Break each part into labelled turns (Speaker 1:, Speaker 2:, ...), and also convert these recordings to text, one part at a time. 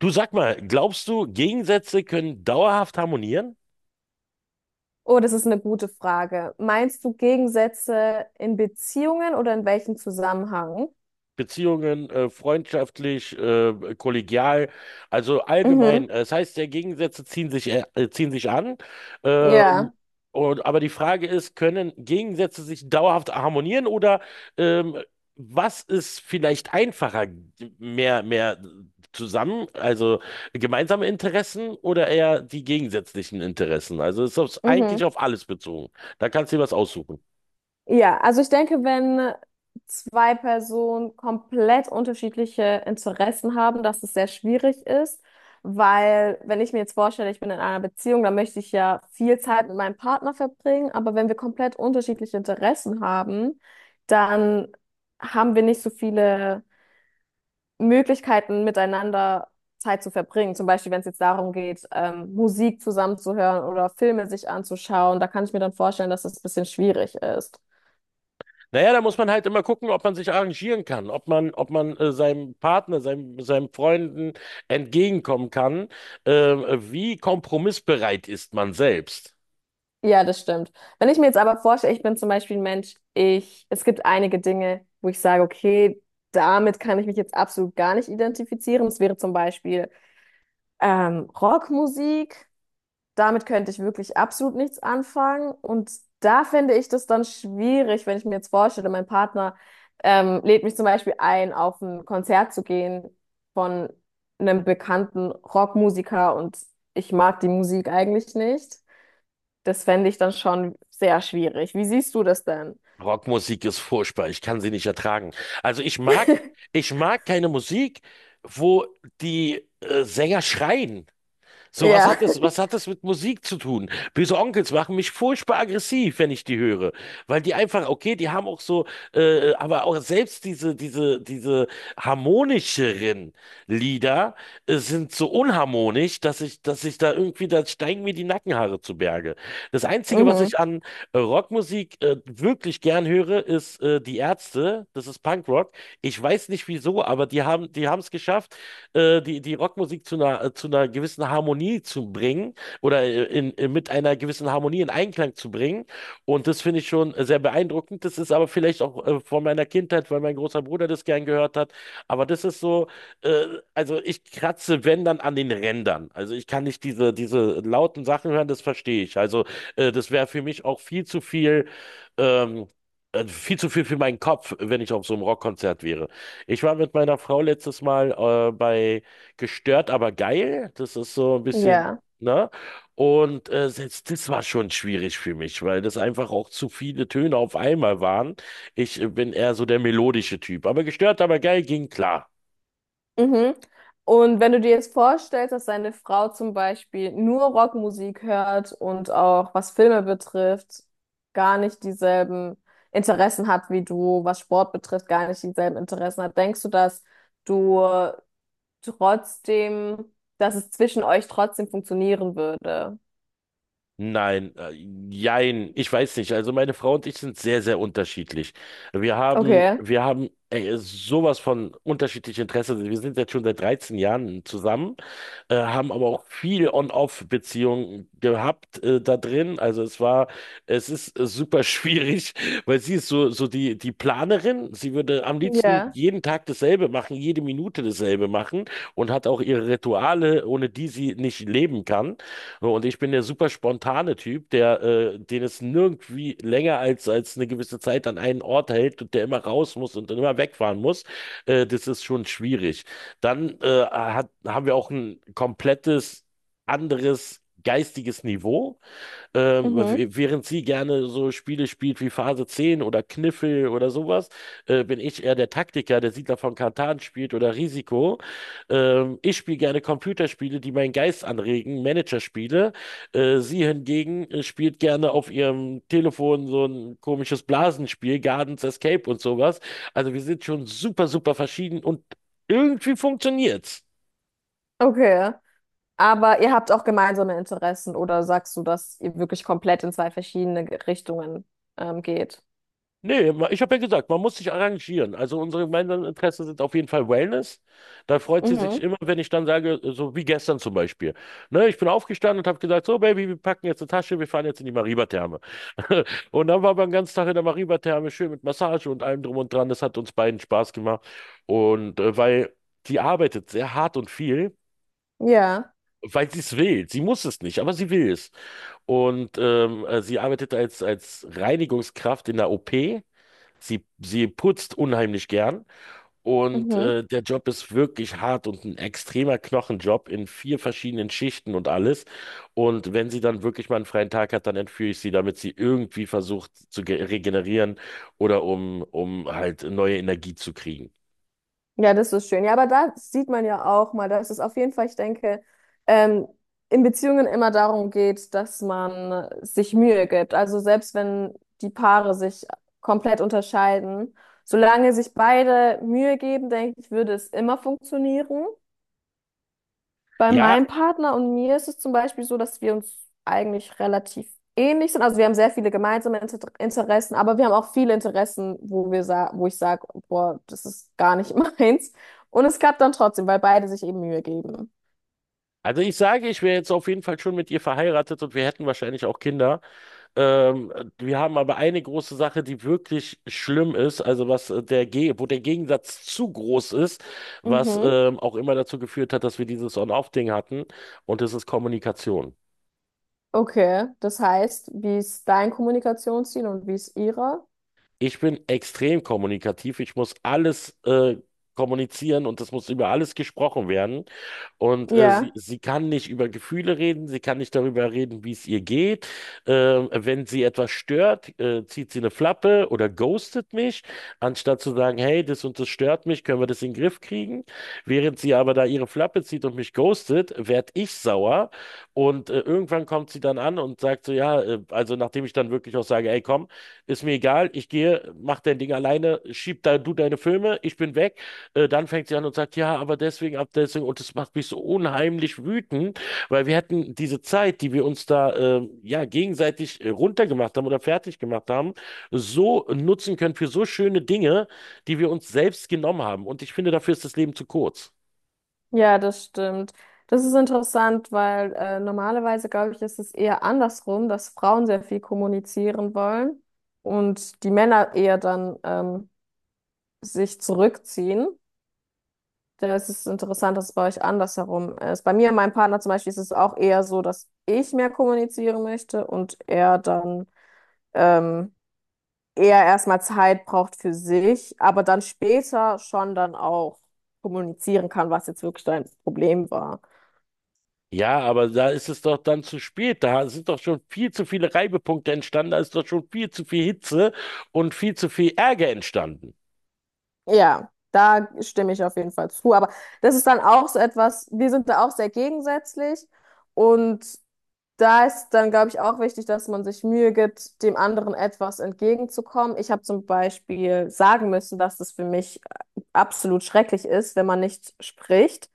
Speaker 1: Du sag mal, glaubst du, Gegensätze können dauerhaft harmonieren?
Speaker 2: Oh, das ist eine gute Frage. Meinst du Gegensätze in Beziehungen oder in welchem Zusammenhang?
Speaker 1: Beziehungen, freundschaftlich, kollegial, also allgemein.
Speaker 2: Mhm.
Speaker 1: Das heißt, ja, Gegensätze ziehen sich an. Ähm,
Speaker 2: Ja.
Speaker 1: aber die Frage ist, können Gegensätze sich dauerhaft harmonieren oder ähm, was ist vielleicht einfacher? Mehr zusammen, also gemeinsame Interessen oder eher die gegensätzlichen Interessen? Also ist das
Speaker 2: Mhm.
Speaker 1: eigentlich auf alles bezogen. Da kannst du dir was aussuchen.
Speaker 2: Ja, also ich denke, wenn zwei Personen komplett unterschiedliche Interessen haben, dass es sehr schwierig ist, weil wenn ich mir jetzt vorstelle, ich bin in einer Beziehung, dann möchte ich ja viel Zeit mit meinem Partner verbringen, aber wenn wir komplett unterschiedliche Interessen haben, dann haben wir nicht so viele Möglichkeiten, miteinander Zeit zu verbringen. Zum Beispiel, wenn es jetzt darum geht, Musik zusammenzuhören oder Filme sich anzuschauen, da kann ich mir dann vorstellen, dass das ein bisschen schwierig ist.
Speaker 1: Naja, da muss man halt immer gucken, ob man sich arrangieren kann, ob man seinem Partner, seinem Freunden entgegenkommen kann. Äh, wie kompromissbereit ist man selbst?
Speaker 2: Ja, das stimmt. Wenn ich mir jetzt aber vorstelle, ich bin zum Beispiel ein Mensch, ich, es gibt einige Dinge, wo ich sage, okay, damit kann ich mich jetzt absolut gar nicht identifizieren. Das wäre zum Beispiel Rockmusik. Damit könnte ich wirklich absolut nichts anfangen. Und da finde ich das dann schwierig, wenn ich mir jetzt vorstelle, mein Partner lädt mich zum Beispiel ein, auf ein Konzert zu gehen von einem bekannten Rockmusiker, und ich mag die Musik eigentlich nicht. Das fände ich dann schon sehr schwierig. Wie siehst du das denn?
Speaker 1: Rockmusik ist furchtbar, ich kann sie nicht ertragen. Also ich mag, ich mag keine Musik, wo die Sänger schreien. So,
Speaker 2: Ja.
Speaker 1: was hat das mit Musik zu tun? Böse Onkels machen mich furchtbar aggressiv, wenn ich die höre. Weil die einfach, okay, die haben auch so, aber auch selbst diese harmonischeren Lieder sind so unharmonisch, dass ich da irgendwie, da steigen mir die Nackenhaare zu Berge. Das Einzige, was
Speaker 2: Mhm.
Speaker 1: ich an Rockmusik wirklich gern höre, ist die Ärzte. Das ist Punkrock. Ich weiß nicht wieso, aber die haben es geschafft, die Rockmusik zu einer gewissen Harmonie zu bringen oder mit einer gewissen Harmonie in Einklang zu bringen. Und das finde ich schon sehr beeindruckend. Das ist aber vielleicht auch von meiner Kindheit, weil mein großer Bruder das gern gehört hat, aber das ist so, äh, also ich kratze, wenn dann an den Rändern. Also ich kann nicht diese lauten Sachen hören, das verstehe ich. Also das wäre für mich auch ähm, viel zu viel für meinen Kopf, wenn ich auf so einem Rockkonzert wäre. Ich war mit meiner Frau letztes Mal bei Gestört, aber geil. Das ist so ein bisschen,
Speaker 2: Ja.
Speaker 1: ne? Und selbst das war schon schwierig für mich, weil das einfach auch zu viele Töne auf einmal waren. Ich bin eher so der melodische Typ. Aber gestört, aber geil ging klar.
Speaker 2: Mhm. Und wenn du dir jetzt vorstellst, dass deine Frau zum Beispiel nur Rockmusik hört und auch was Filme betrifft, gar nicht dieselben Interessen hat wie du, was Sport betrifft, gar nicht dieselben Interessen hat, denkst du, dass du trotzdem, dass es zwischen euch trotzdem funktionieren würde?
Speaker 1: Nein, jein, ich weiß nicht. Also meine Frau und ich sind sehr, sehr unterschiedlich.
Speaker 2: Okay.
Speaker 1: Wir haben ey, sowas von unterschiedlichen Interessen. Wir sind jetzt schon seit 13 Jahren zusammen, haben aber auch viel On-Off-Beziehungen gehabt da drin. Es ist super schwierig, weil sie ist so, so die Planerin. Sie würde am liebsten
Speaker 2: Ja.
Speaker 1: jeden Tag dasselbe machen, jede Minute dasselbe machen und hat auch ihre Rituale, ohne die sie nicht leben kann. So. Und ich bin der super spontane Typ, der, den es nirgendwie länger als, als eine gewisse Zeit an einen Ort hält und der immer raus muss und dann immer wegfahren muss. Das ist schon schwierig. Dann haben wir auch ein komplettes anderes geistiges Niveau, w-
Speaker 2: Mhm.
Speaker 1: während sie gerne so Spiele spielt wie Phase 10 oder Kniffel oder sowas, bin ich eher der Taktiker, der Siedler von Catan spielt oder Risiko. Ich spiele gerne Computerspiele, die meinen Geist anregen, Managerspiele. Sie hingegen spielt gerne auf ihrem Telefon so ein komisches Blasenspiel, Gardens Escape und sowas. Also wir sind schon super, super verschieden und irgendwie funktioniert's.
Speaker 2: Okay. Aber ihr habt auch gemeinsame Interessen, oder sagst du, dass ihr wirklich komplett in zwei verschiedene Richtungen geht?
Speaker 1: Nee, ich habe ja gesagt, man muss sich arrangieren. Also unsere gemeinsamen Interessen sind auf jeden Fall Wellness. Da freut sie sich
Speaker 2: Mhm.
Speaker 1: immer, wenn ich dann sage, so wie gestern zum Beispiel. Ne, ich bin aufgestanden und habe gesagt, so Baby, wir packen jetzt eine Tasche, wir fahren jetzt in die Mariba-Therme. Und dann waren wir den ganzen Tag in der Mariba-Therme, schön mit Massage und allem drum und dran. Das hat uns beiden Spaß gemacht. Weil die arbeitet sehr hart und viel.
Speaker 2: Ja,
Speaker 1: Weil sie es will. Sie muss es nicht, aber sie will es. Und sie arbeitet als Reinigungskraft in der OP. Sie putzt unheimlich gern und
Speaker 2: mhm.
Speaker 1: der Job ist wirklich hart und ein extremer Knochenjob in 4 verschiedenen Schichten und alles. Und wenn sie dann wirklich mal einen freien Tag hat, dann entführe ich sie, damit sie irgendwie versucht zu regenerieren oder um halt neue Energie zu kriegen.
Speaker 2: Ja, das ist schön. Ja, aber da sieht man ja auch mal, dass es auf jeden Fall, ich denke, ähm, in Beziehungen immer darum geht, dass man sich Mühe gibt. Also selbst wenn die Paare sich komplett unterscheiden, solange sich beide Mühe geben, denke ich, würde es immer funktionieren. Bei
Speaker 1: Ja,
Speaker 2: meinem Partner und mir ist es zum Beispiel so, dass wir uns eigentlich relativ ähnlich sind. Also wir haben sehr viele gemeinsame Interessen, aber wir haben auch viele Interessen, wo wir sa wo ich sage, boah, das ist gar nicht meins. Und es klappt dann trotzdem, weil beide sich eben Mühe geben.
Speaker 1: also ich sage, ich wäre jetzt auf jeden Fall schon mit ihr verheiratet und wir hätten wahrscheinlich auch Kinder. Ähm, wir haben aber eine große Sache, die wirklich schlimm ist, also was der Ge wo der Gegensatz zu groß ist, was
Speaker 2: Mhm.
Speaker 1: auch immer dazu geführt hat, dass wir dieses On-Off-Ding hatten, und das ist Kommunikation.
Speaker 2: Okay, das heißt, wie ist dein Kommunikationsziel und wie ist ihrer?
Speaker 1: Ich bin extrem kommunikativ. Ich muss alles kommunizieren und es muss über alles gesprochen werden. Und
Speaker 2: Ja.
Speaker 1: sie kann nicht über Gefühle reden, sie kann nicht darüber reden, wie es ihr geht. Wenn sie etwas stört, zieht sie eine Flappe oder ghostet mich, anstatt zu sagen, hey, das und das stört mich, können wir das in den Griff kriegen. Während sie aber da ihre Flappe zieht und mich ghostet, werd ich sauer. Und irgendwann kommt sie dann an und sagt so, ja, also nachdem ich dann wirklich auch sage, ey, komm, ist mir egal, ich gehe, mach dein Ding alleine, schieb da du deine Filme, ich bin weg. Dann fängt sie an und sagt, ja, aber deswegen, ab deswegen, und das macht mich so unheimlich wütend, weil wir hätten diese Zeit, die wir uns da ja gegenseitig runtergemacht haben oder fertig gemacht haben, so nutzen können für so schöne Dinge, die wir uns selbst genommen haben. Und ich finde, dafür ist das Leben zu kurz.
Speaker 2: Ja, das stimmt. Das ist interessant, weil normalerweise, glaube ich, ist es eher andersrum, dass Frauen sehr viel kommunizieren wollen und die Männer eher dann sich zurückziehen. Da ist es interessant, dass es bei euch andersherum ist. Bei mir und meinem Partner zum Beispiel ist es auch eher so, dass ich mehr kommunizieren möchte und er dann ähm, eher erstmal Zeit braucht für sich, aber dann später schon dann auch kommunizieren kann, was jetzt wirklich dein Problem war.
Speaker 1: Ja, aber da ist es doch dann zu spät. Da sind doch schon viel zu viele Reibepunkte entstanden, da ist doch schon viel zu viel Hitze und viel zu viel Ärger entstanden.
Speaker 2: Ja, da stimme ich auf jeden Fall zu. Aber das ist dann auch so etwas, wir sind da auch sehr gegensätzlich. Und da ist dann, glaube ich, auch wichtig, dass man sich Mühe gibt, dem anderen etwas entgegenzukommen. Ich habe zum Beispiel sagen müssen, dass es für mich absolut schrecklich ist, wenn man nicht spricht.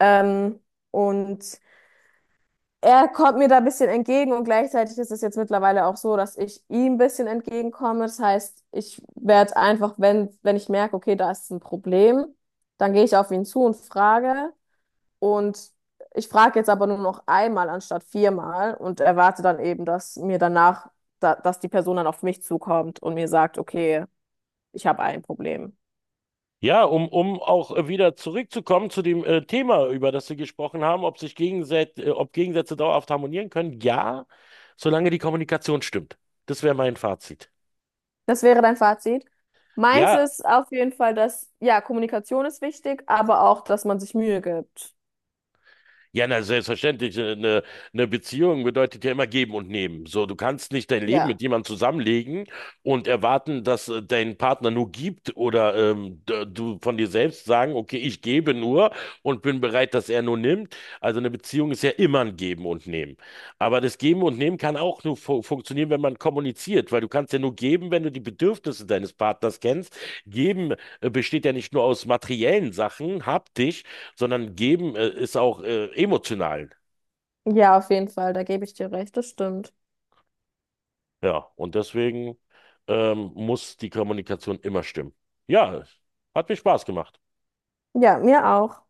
Speaker 2: Ähm, und er kommt mir da ein bisschen entgegen und gleichzeitig ist es jetzt mittlerweile auch so, dass ich ihm ein bisschen entgegenkomme. Das heißt, ich werde einfach, wenn ich merke, okay, da ist ein Problem, dann gehe ich auf ihn zu und frage. Und ich frage jetzt aber nur noch einmal anstatt viermal und erwarte dann eben, dass mir danach, dass die Person dann auf mich zukommt und mir sagt, okay, ich habe ein Problem.
Speaker 1: Ja, um auch wieder zurückzukommen zu dem Thema, über das wir gesprochen haben, ob sich Gegensätze, ob Gegensätze dauerhaft harmonieren können. Ja, solange die Kommunikation stimmt. Das wäre mein Fazit.
Speaker 2: Das wäre dein Fazit. Meins
Speaker 1: Ja,
Speaker 2: ist auf jeden Fall, dass, ja, Kommunikation ist wichtig, aber auch, dass man sich Mühe gibt.
Speaker 1: ja, na, selbstverständlich. Eine Beziehung bedeutet ja immer geben und nehmen. So, du kannst nicht dein Leben
Speaker 2: Ja.
Speaker 1: mit jemandem zusammenlegen und erwarten, dass dein Partner nur gibt oder du von dir selbst sagen, okay, ich gebe nur und bin bereit, dass er nur nimmt. Also eine Beziehung ist ja immer ein Geben und Nehmen. Aber das Geben und Nehmen kann auch nur fu funktionieren, wenn man kommuniziert, weil du kannst ja nur geben, wenn du die Bedürfnisse deines Partners kennst. Geben besteht ja nicht nur aus materiellen Sachen, haptisch, sondern geben ist auch emotional.
Speaker 2: Ja, auf jeden Fall, da gebe ich dir recht, das stimmt.
Speaker 1: Ja, und deswegen muss die Kommunikation immer stimmen. Ja, hat mir Spaß gemacht.
Speaker 2: Ja, mir auch.